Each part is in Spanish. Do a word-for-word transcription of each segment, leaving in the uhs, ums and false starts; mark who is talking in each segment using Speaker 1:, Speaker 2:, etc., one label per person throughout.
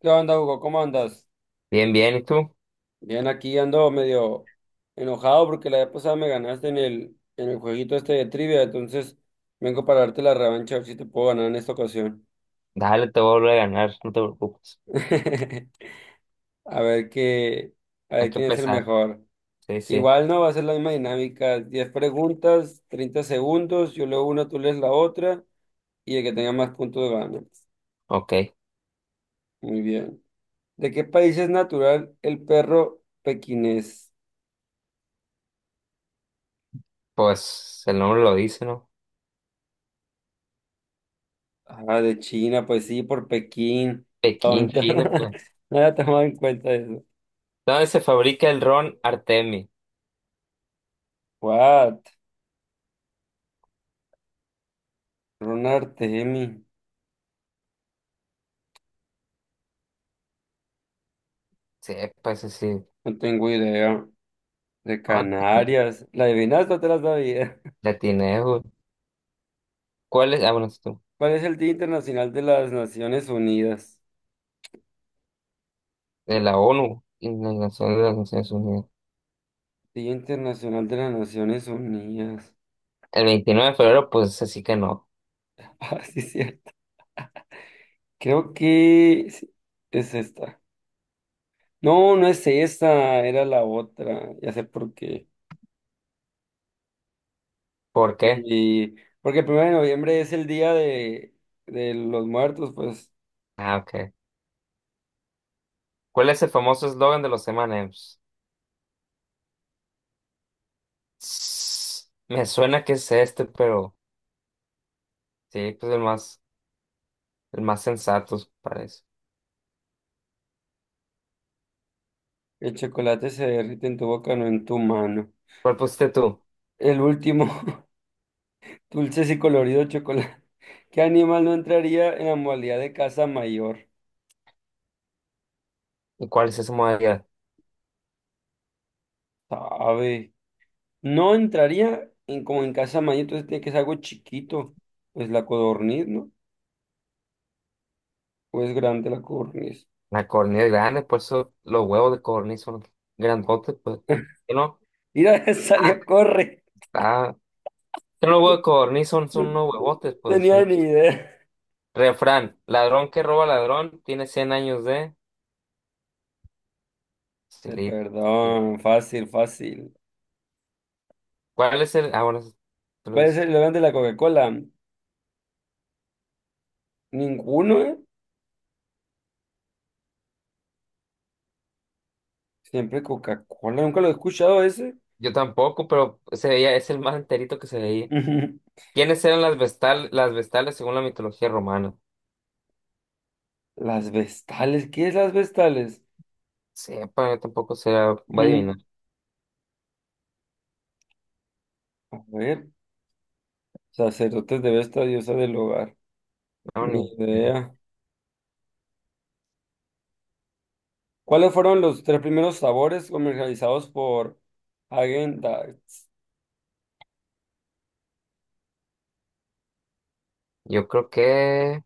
Speaker 1: ¿Qué onda, Hugo? ¿Cómo andas?
Speaker 2: Bien, bien, ¿y tú?
Speaker 1: Bien, aquí ando medio enojado porque la vez pasada me ganaste en el, en el jueguito este de trivia, entonces vengo para darte la revancha a ver si te puedo ganar en esta ocasión.
Speaker 2: Dale, te voy a ganar, no te preocupes.
Speaker 1: A ver qué, a
Speaker 2: Hay
Speaker 1: ver
Speaker 2: que
Speaker 1: quién es el
Speaker 2: empezar.
Speaker 1: mejor.
Speaker 2: Sí, sí.
Speaker 1: Igual no va a ser la misma dinámica. Diez preguntas, treinta segundos, yo leo una, tú lees la otra y el que tenga más puntos gana.
Speaker 2: Ok.
Speaker 1: Muy bien. ¿De qué país es natural el perro pequinés?
Speaker 2: Pues el nombre lo dice, ¿no?
Speaker 1: Ah, de China, pues sí, por Pekín.
Speaker 2: Pekín,
Speaker 1: Tonto.
Speaker 2: China, pues.
Speaker 1: No había tomado en cuenta eso.
Speaker 2: ¿Dónde se fabrica el ron Artemi?
Speaker 1: What? Ronald, Artemi.
Speaker 2: Sí, pues sí.
Speaker 1: No tengo idea. De
Speaker 2: Ah,
Speaker 1: Canarias. ¿La adivinaste o te la sabía?
Speaker 2: la tiene, güey. ¿Cuál es? Ah, bueno, es tú.
Speaker 1: ¿Cuál es el Día Internacional de las Naciones Unidas?
Speaker 2: De la O N U y Organización de las Naciones Unidas.
Speaker 1: Día Internacional de las Naciones Unidas.
Speaker 2: El veintinueve de febrero, pues así que no.
Speaker 1: Ah, sí, es cierto. Creo que sí, es esta. No, no es esta, era la otra. Ya sé por qué.
Speaker 2: ¿Por qué?
Speaker 1: Y porque el primero de noviembre es el día de, de los muertos, pues
Speaker 2: Ah, ok. ¿Cuál es el famoso eslogan de los M and M's? Me suena que es este, pero sí, pues el más. el más sensato para eso.
Speaker 1: el chocolate se derrite en tu boca, no en tu mano.
Speaker 2: ¿Cuál pusiste tú?
Speaker 1: El último, dulces y colorido chocolate. ¿Qué animal no entraría en la modalidad de casa mayor?
Speaker 2: ¿Y cuál es esa modalidad?
Speaker 1: Sabe. No entraría en, como en casa mayor, entonces tiene que ser algo chiquito. Pues la codorniz, ¿no? O es grande la codorniz.
Speaker 2: La codorniz grande, por eso los huevos de codorniz son grandotes, pues. ¿Qué no?
Speaker 1: Mira,
Speaker 2: Ah,
Speaker 1: salió, corre.
Speaker 2: está. Que los huevos de codorniz son,
Speaker 1: No,
Speaker 2: son unos
Speaker 1: no,
Speaker 2: huevotes,
Speaker 1: no
Speaker 2: pues.
Speaker 1: tenía ni
Speaker 2: Unos-
Speaker 1: idea.
Speaker 2: Refrán, ladrón que roba ladrón tiene cien años de... Silita. Sí.
Speaker 1: Perdón, fácil, fácil.
Speaker 2: ¿Cuál es el...? Ah, bueno, eso tú lo
Speaker 1: ¿Cuál es el
Speaker 2: dices.
Speaker 1: eslogan de la Coca-Cola? Ninguno, ¿eh? Siempre Coca-Cola, nunca lo he escuchado ese.
Speaker 2: Yo tampoco, pero se veía, es el más enterito que se veía. ¿Quiénes eran las vestal, las vestales según la mitología romana?
Speaker 1: Las vestales, ¿qué es las vestales?
Speaker 2: Sepa, yo tampoco se va a adivinar.
Speaker 1: A ver, sacerdotes de Vesta, diosa del hogar.
Speaker 2: No,
Speaker 1: Ni
Speaker 2: ni.
Speaker 1: idea. ¿Cuáles fueron los tres primeros sabores comercializados por Häagen-Dazs?
Speaker 2: Yo creo que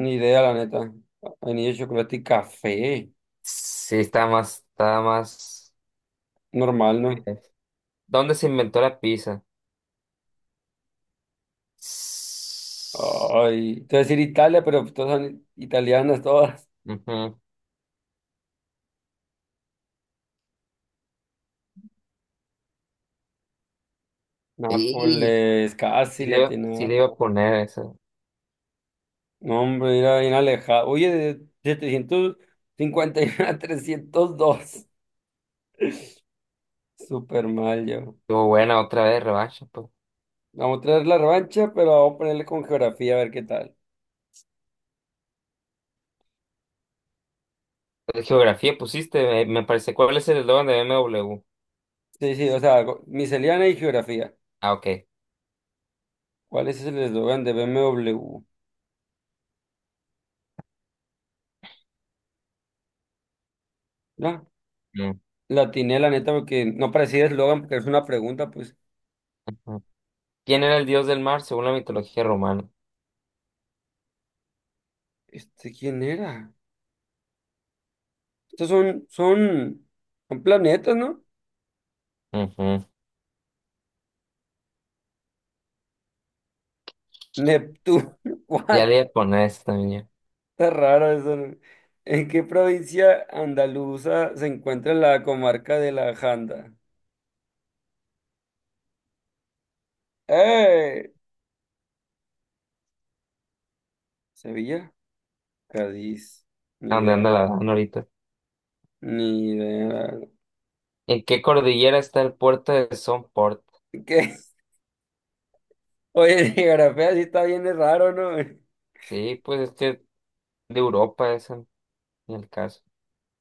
Speaker 1: Ni idea, la neta. Vainilla, chocolate y café.
Speaker 2: sí está más, está más.
Speaker 1: Normal, ¿no?
Speaker 2: ¿Dónde se inventó la pizza? S-
Speaker 1: Ay, te voy a decir Italia, pero todas son italianas, todas.
Speaker 2: Ujú. Y
Speaker 1: Nápoles, casi
Speaker 2: sí le, iba sí
Speaker 1: latina.
Speaker 2: le iba a poner eso.
Speaker 1: No, hombre, era bien alejado. Oye, de setecientos cincuenta y uno a trescientos dos. Súper mal yo.
Speaker 2: Estuvo buena otra vez, revancha, pues.
Speaker 1: Vamos a traer la revancha, pero vamos a ponerle con geografía a ver qué tal.
Speaker 2: De geografía pusiste, me, me parece. ¿Cuál es el eslogan de B m w?
Speaker 1: Sí, sí, o sea, go- miscelánea y geografía.
Speaker 2: Ah, ok.
Speaker 1: ¿Cuál es el eslogan de B M W? No,
Speaker 2: Mm,
Speaker 1: la atiné, la neta, porque no parecía eslogan, porque es una pregunta, pues,
Speaker 2: ujú. ¿Quién era el dios del mar según la mitología romana?
Speaker 1: ¿este quién era? Estos son, son, son planetas, ¿no?
Speaker 2: Ujú.
Speaker 1: Neptuno.
Speaker 2: Ya le
Speaker 1: What.
Speaker 2: iba a poner esta también.
Speaker 1: Está raro eso, ¿no? ¿En qué provincia andaluza se encuentra la comarca de la Janda? ¡Eh! ¿Sevilla? Cádiz.
Speaker 2: ¿A
Speaker 1: Ni
Speaker 2: dónde anda la
Speaker 1: idea.
Speaker 2: dan ahorita?
Speaker 1: Ni idea.
Speaker 2: ¿En qué cordillera está el puerto de Somport?
Speaker 1: ¿Qué? Oye, geografía sí está bien de raro, ¿no?
Speaker 2: Sí, pues es que de Europa, esa, en el caso.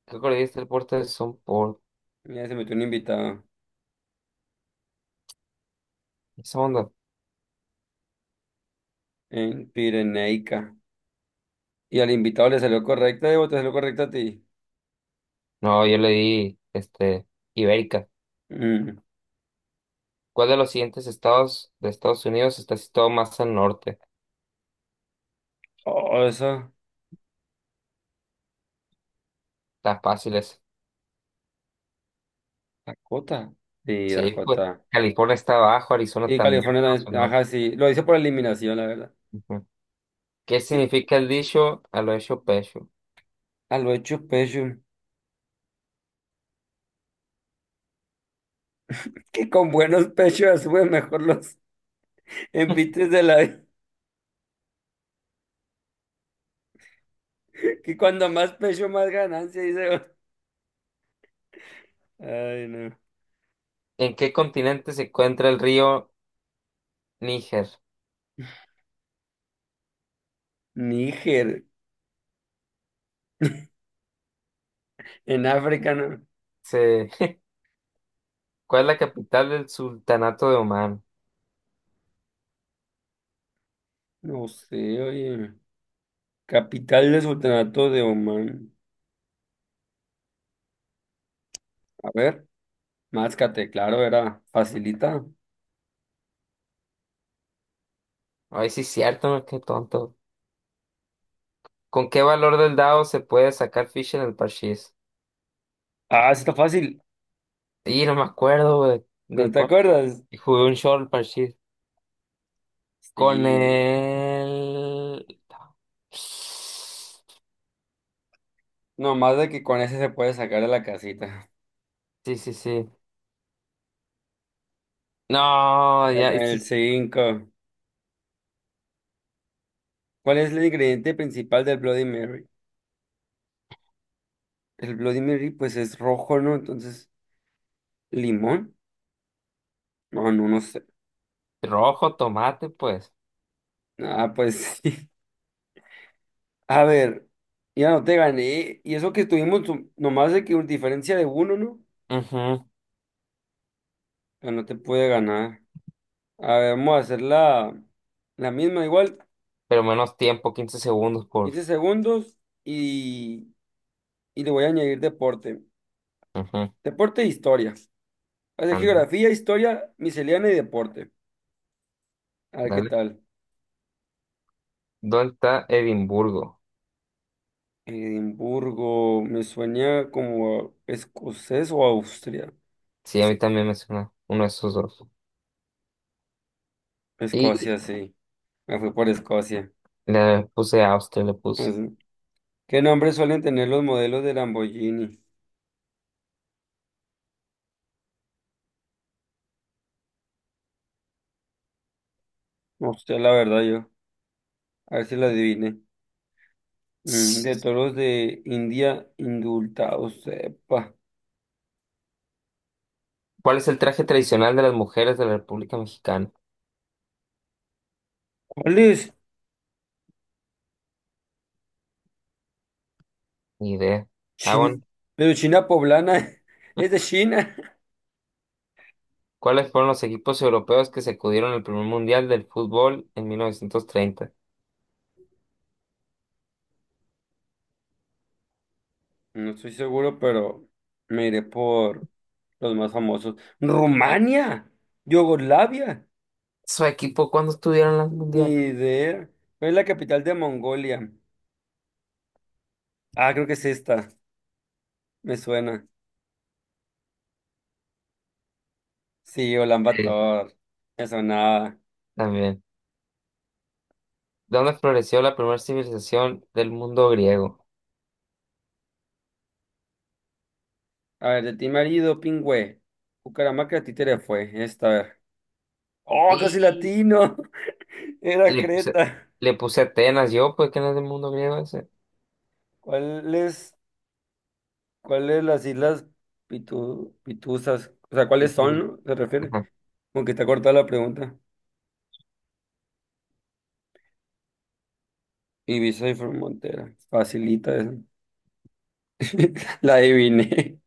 Speaker 2: ¿Qué le diste el puerto Son por
Speaker 1: Mira, se metió un invitado
Speaker 2: ¿Esa onda?
Speaker 1: en Pirenaica. Y al invitado le salió correcta. Diego, te salió correcta a ti.
Speaker 2: No, yo le di, este, Ibérica.
Speaker 1: Mm.
Speaker 2: ¿Cuál de los siguientes estados de Estados Unidos está situado más al norte?
Speaker 1: Oh, eso.
Speaker 2: Está fácil esa.
Speaker 1: Dakota. Sí,
Speaker 2: Sí, pues,
Speaker 1: Dakota.
Speaker 2: California está abajo, Arizona
Speaker 1: Y
Speaker 2: también,
Speaker 1: California
Speaker 2: pero hacia
Speaker 1: también.
Speaker 2: el
Speaker 1: Ajá, sí. Lo hice por eliminación, la verdad.
Speaker 2: Ujú. ¿Qué
Speaker 1: Y-
Speaker 2: significa el dicho a lo hecho pecho?
Speaker 1: A lo hecho pecho. Que con buenos pechos ya sube mejor los envites de la vida. Que cuando más pecho, más ganancia, dice. Ay, no.
Speaker 2: ¿En qué continente se encuentra el río Níger?
Speaker 1: Níger, en África, ¿no?
Speaker 2: Sí. ¿Cuál es la capital del Sultanato de Omán?
Speaker 1: No sé, oye. Capital del Sultanato de Omán. A ver, Máscate, claro, era facilita.
Speaker 2: Ay, sí, es cierto, ¿no? Qué tonto. ¿Con qué valor del dado se puede sacar ficha en el parchís?
Speaker 1: Ah, sí está fácil.
Speaker 2: Y no me acuerdo de,
Speaker 1: ¿No
Speaker 2: de
Speaker 1: te
Speaker 2: cuál.
Speaker 1: acuerdas?
Speaker 2: Y Jugué un short parchís. Con
Speaker 1: Sí.
Speaker 2: el... Sí,
Speaker 1: Nomás de que con ese se puede sacar de la casita.
Speaker 2: sí, sí. No,
Speaker 1: Ya
Speaker 2: ya.
Speaker 1: con
Speaker 2: y
Speaker 1: el
Speaker 2: sí,
Speaker 1: cinco. ¿Cuál es el ingrediente principal del Bloody Mary? El Bloody Mary, pues es rojo, ¿no? Entonces, ¿limón? No, no, no sé.
Speaker 2: Rojo, tomate, pues.
Speaker 1: Ah, pues sí. A ver, ya no te gané. Y eso que estuvimos tu- nomás de que una diferencia de uno, ¿no?
Speaker 2: Ujú.
Speaker 1: Ya no te puede ganar. A ver, vamos a hacer la, la misma igual,
Speaker 2: Pero menos tiempo, quince segundos por...
Speaker 1: quince segundos y, y le voy a añadir deporte.
Speaker 2: Ujú.
Speaker 1: Deporte e historia. Va a ser
Speaker 2: Ándale,
Speaker 1: geografía, historia, miscelánea y deporte. A ver qué
Speaker 2: dale.
Speaker 1: tal.
Speaker 2: ¿Dónde está Edimburgo?
Speaker 1: Edimburgo, me suena como escocés o Austria.
Speaker 2: Sí, a mí también me suena uno de esos dos.
Speaker 1: Escocia,
Speaker 2: Y
Speaker 1: sí. Me fui por Escocia.
Speaker 2: le puse Austria, le puse.
Speaker 1: Pues, ¿qué nombre suelen tener los modelos de Lamborghini? No sé, la verdad, yo. A ver si la adivine. Mm, de toros de India indultados, sepa.
Speaker 2: ¿Cuál es el traje tradicional de las mujeres de la República Mexicana?
Speaker 1: ¿Cuál es?
Speaker 2: Ni idea. Ah,
Speaker 1: China,
Speaker 2: bueno.
Speaker 1: pero China poblana. Es de China.
Speaker 2: ¿Cuáles fueron los equipos europeos que sacudieron el primer mundial del fútbol en mil novecientos treinta?
Speaker 1: No estoy seguro, pero me iré por los más famosos. Rumania, Yugoslavia,
Speaker 2: ¿Su equipo cuándo estuvieron en el
Speaker 1: ni
Speaker 2: mundial?
Speaker 1: idea. ¿Cuál es la capital de Mongolia? Ah, creo que es esta. Me suena. Sí, Ulan
Speaker 2: Sí,
Speaker 1: Bator. Me sonaba.
Speaker 2: también. ¿Dónde floreció la primera civilización del mundo griego?
Speaker 1: A ver, de ti marido, pingüe. Bucaramanga, títere fue. Esta, a ver. ¡Oh, casi
Speaker 2: Y
Speaker 1: latino! Era
Speaker 2: le puse,
Speaker 1: Creta.
Speaker 2: le puse Atenas, yo, pues que no es del mundo griego ese.
Speaker 1: ¿Cuáles, cuáles las islas Pitu- Pituzas? O sea, ¿cuáles
Speaker 2: Y- y-
Speaker 1: son, no? ¿Se refiere?
Speaker 2: ajá.
Speaker 1: Como que está cortada la pregunta. Ibiza y Formentera. Facilita eso. La adiviné.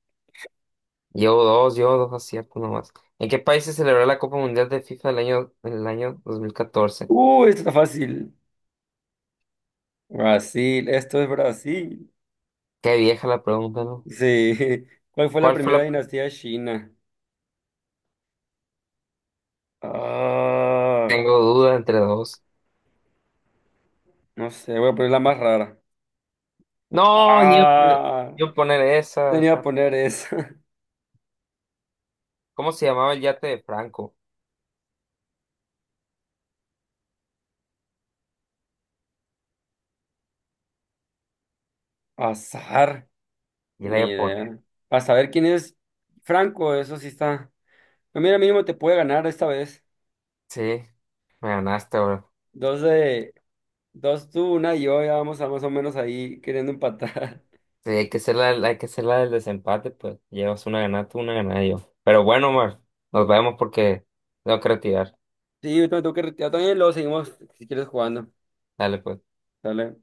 Speaker 2: Llevo dos, llevo dos aciertos nomás. ¿En qué país se celebró la Copa Mundial de FIFA el año, el año dos mil catorce?
Speaker 1: Uh, esto está fácil. Brasil, esto es Brasil.
Speaker 2: Qué vieja la pregunta, ¿no?
Speaker 1: Sí. ¿Cuál fue la
Speaker 2: ¿Cuál fue
Speaker 1: primera
Speaker 2: la...
Speaker 1: dinastía de China? Ah,
Speaker 2: Tengo dudas entre dos.
Speaker 1: no sé, voy a poner la más rara.
Speaker 2: No, yo,
Speaker 1: Ah,
Speaker 2: yo poner
Speaker 1: no,
Speaker 2: esa.
Speaker 1: tenía que
Speaker 2: Ta-
Speaker 1: poner eso.
Speaker 2: ¿Cómo se llamaba el yate de Franco?
Speaker 1: Azar,
Speaker 2: Y la
Speaker 1: ni
Speaker 2: iba a poner.
Speaker 1: idea. A saber quién es Franco, eso sí está. Pero mira, mínimo te puede ganar esta vez.
Speaker 2: Sí, me ganaste, bro.
Speaker 1: Dos de, dos tú, una y yo, ya vamos a más o menos ahí queriendo empatar.
Speaker 2: Sí, hay que ser la, hay que ser la del desempate, pues. Llevas una ganada tú, una ganada yo. Pero bueno, Omar, nos vemos porque tengo que retirar.
Speaker 1: Sí, yo también tengo que retirar también, luego seguimos si quieres jugando.
Speaker 2: Dale, pues.
Speaker 1: Dale.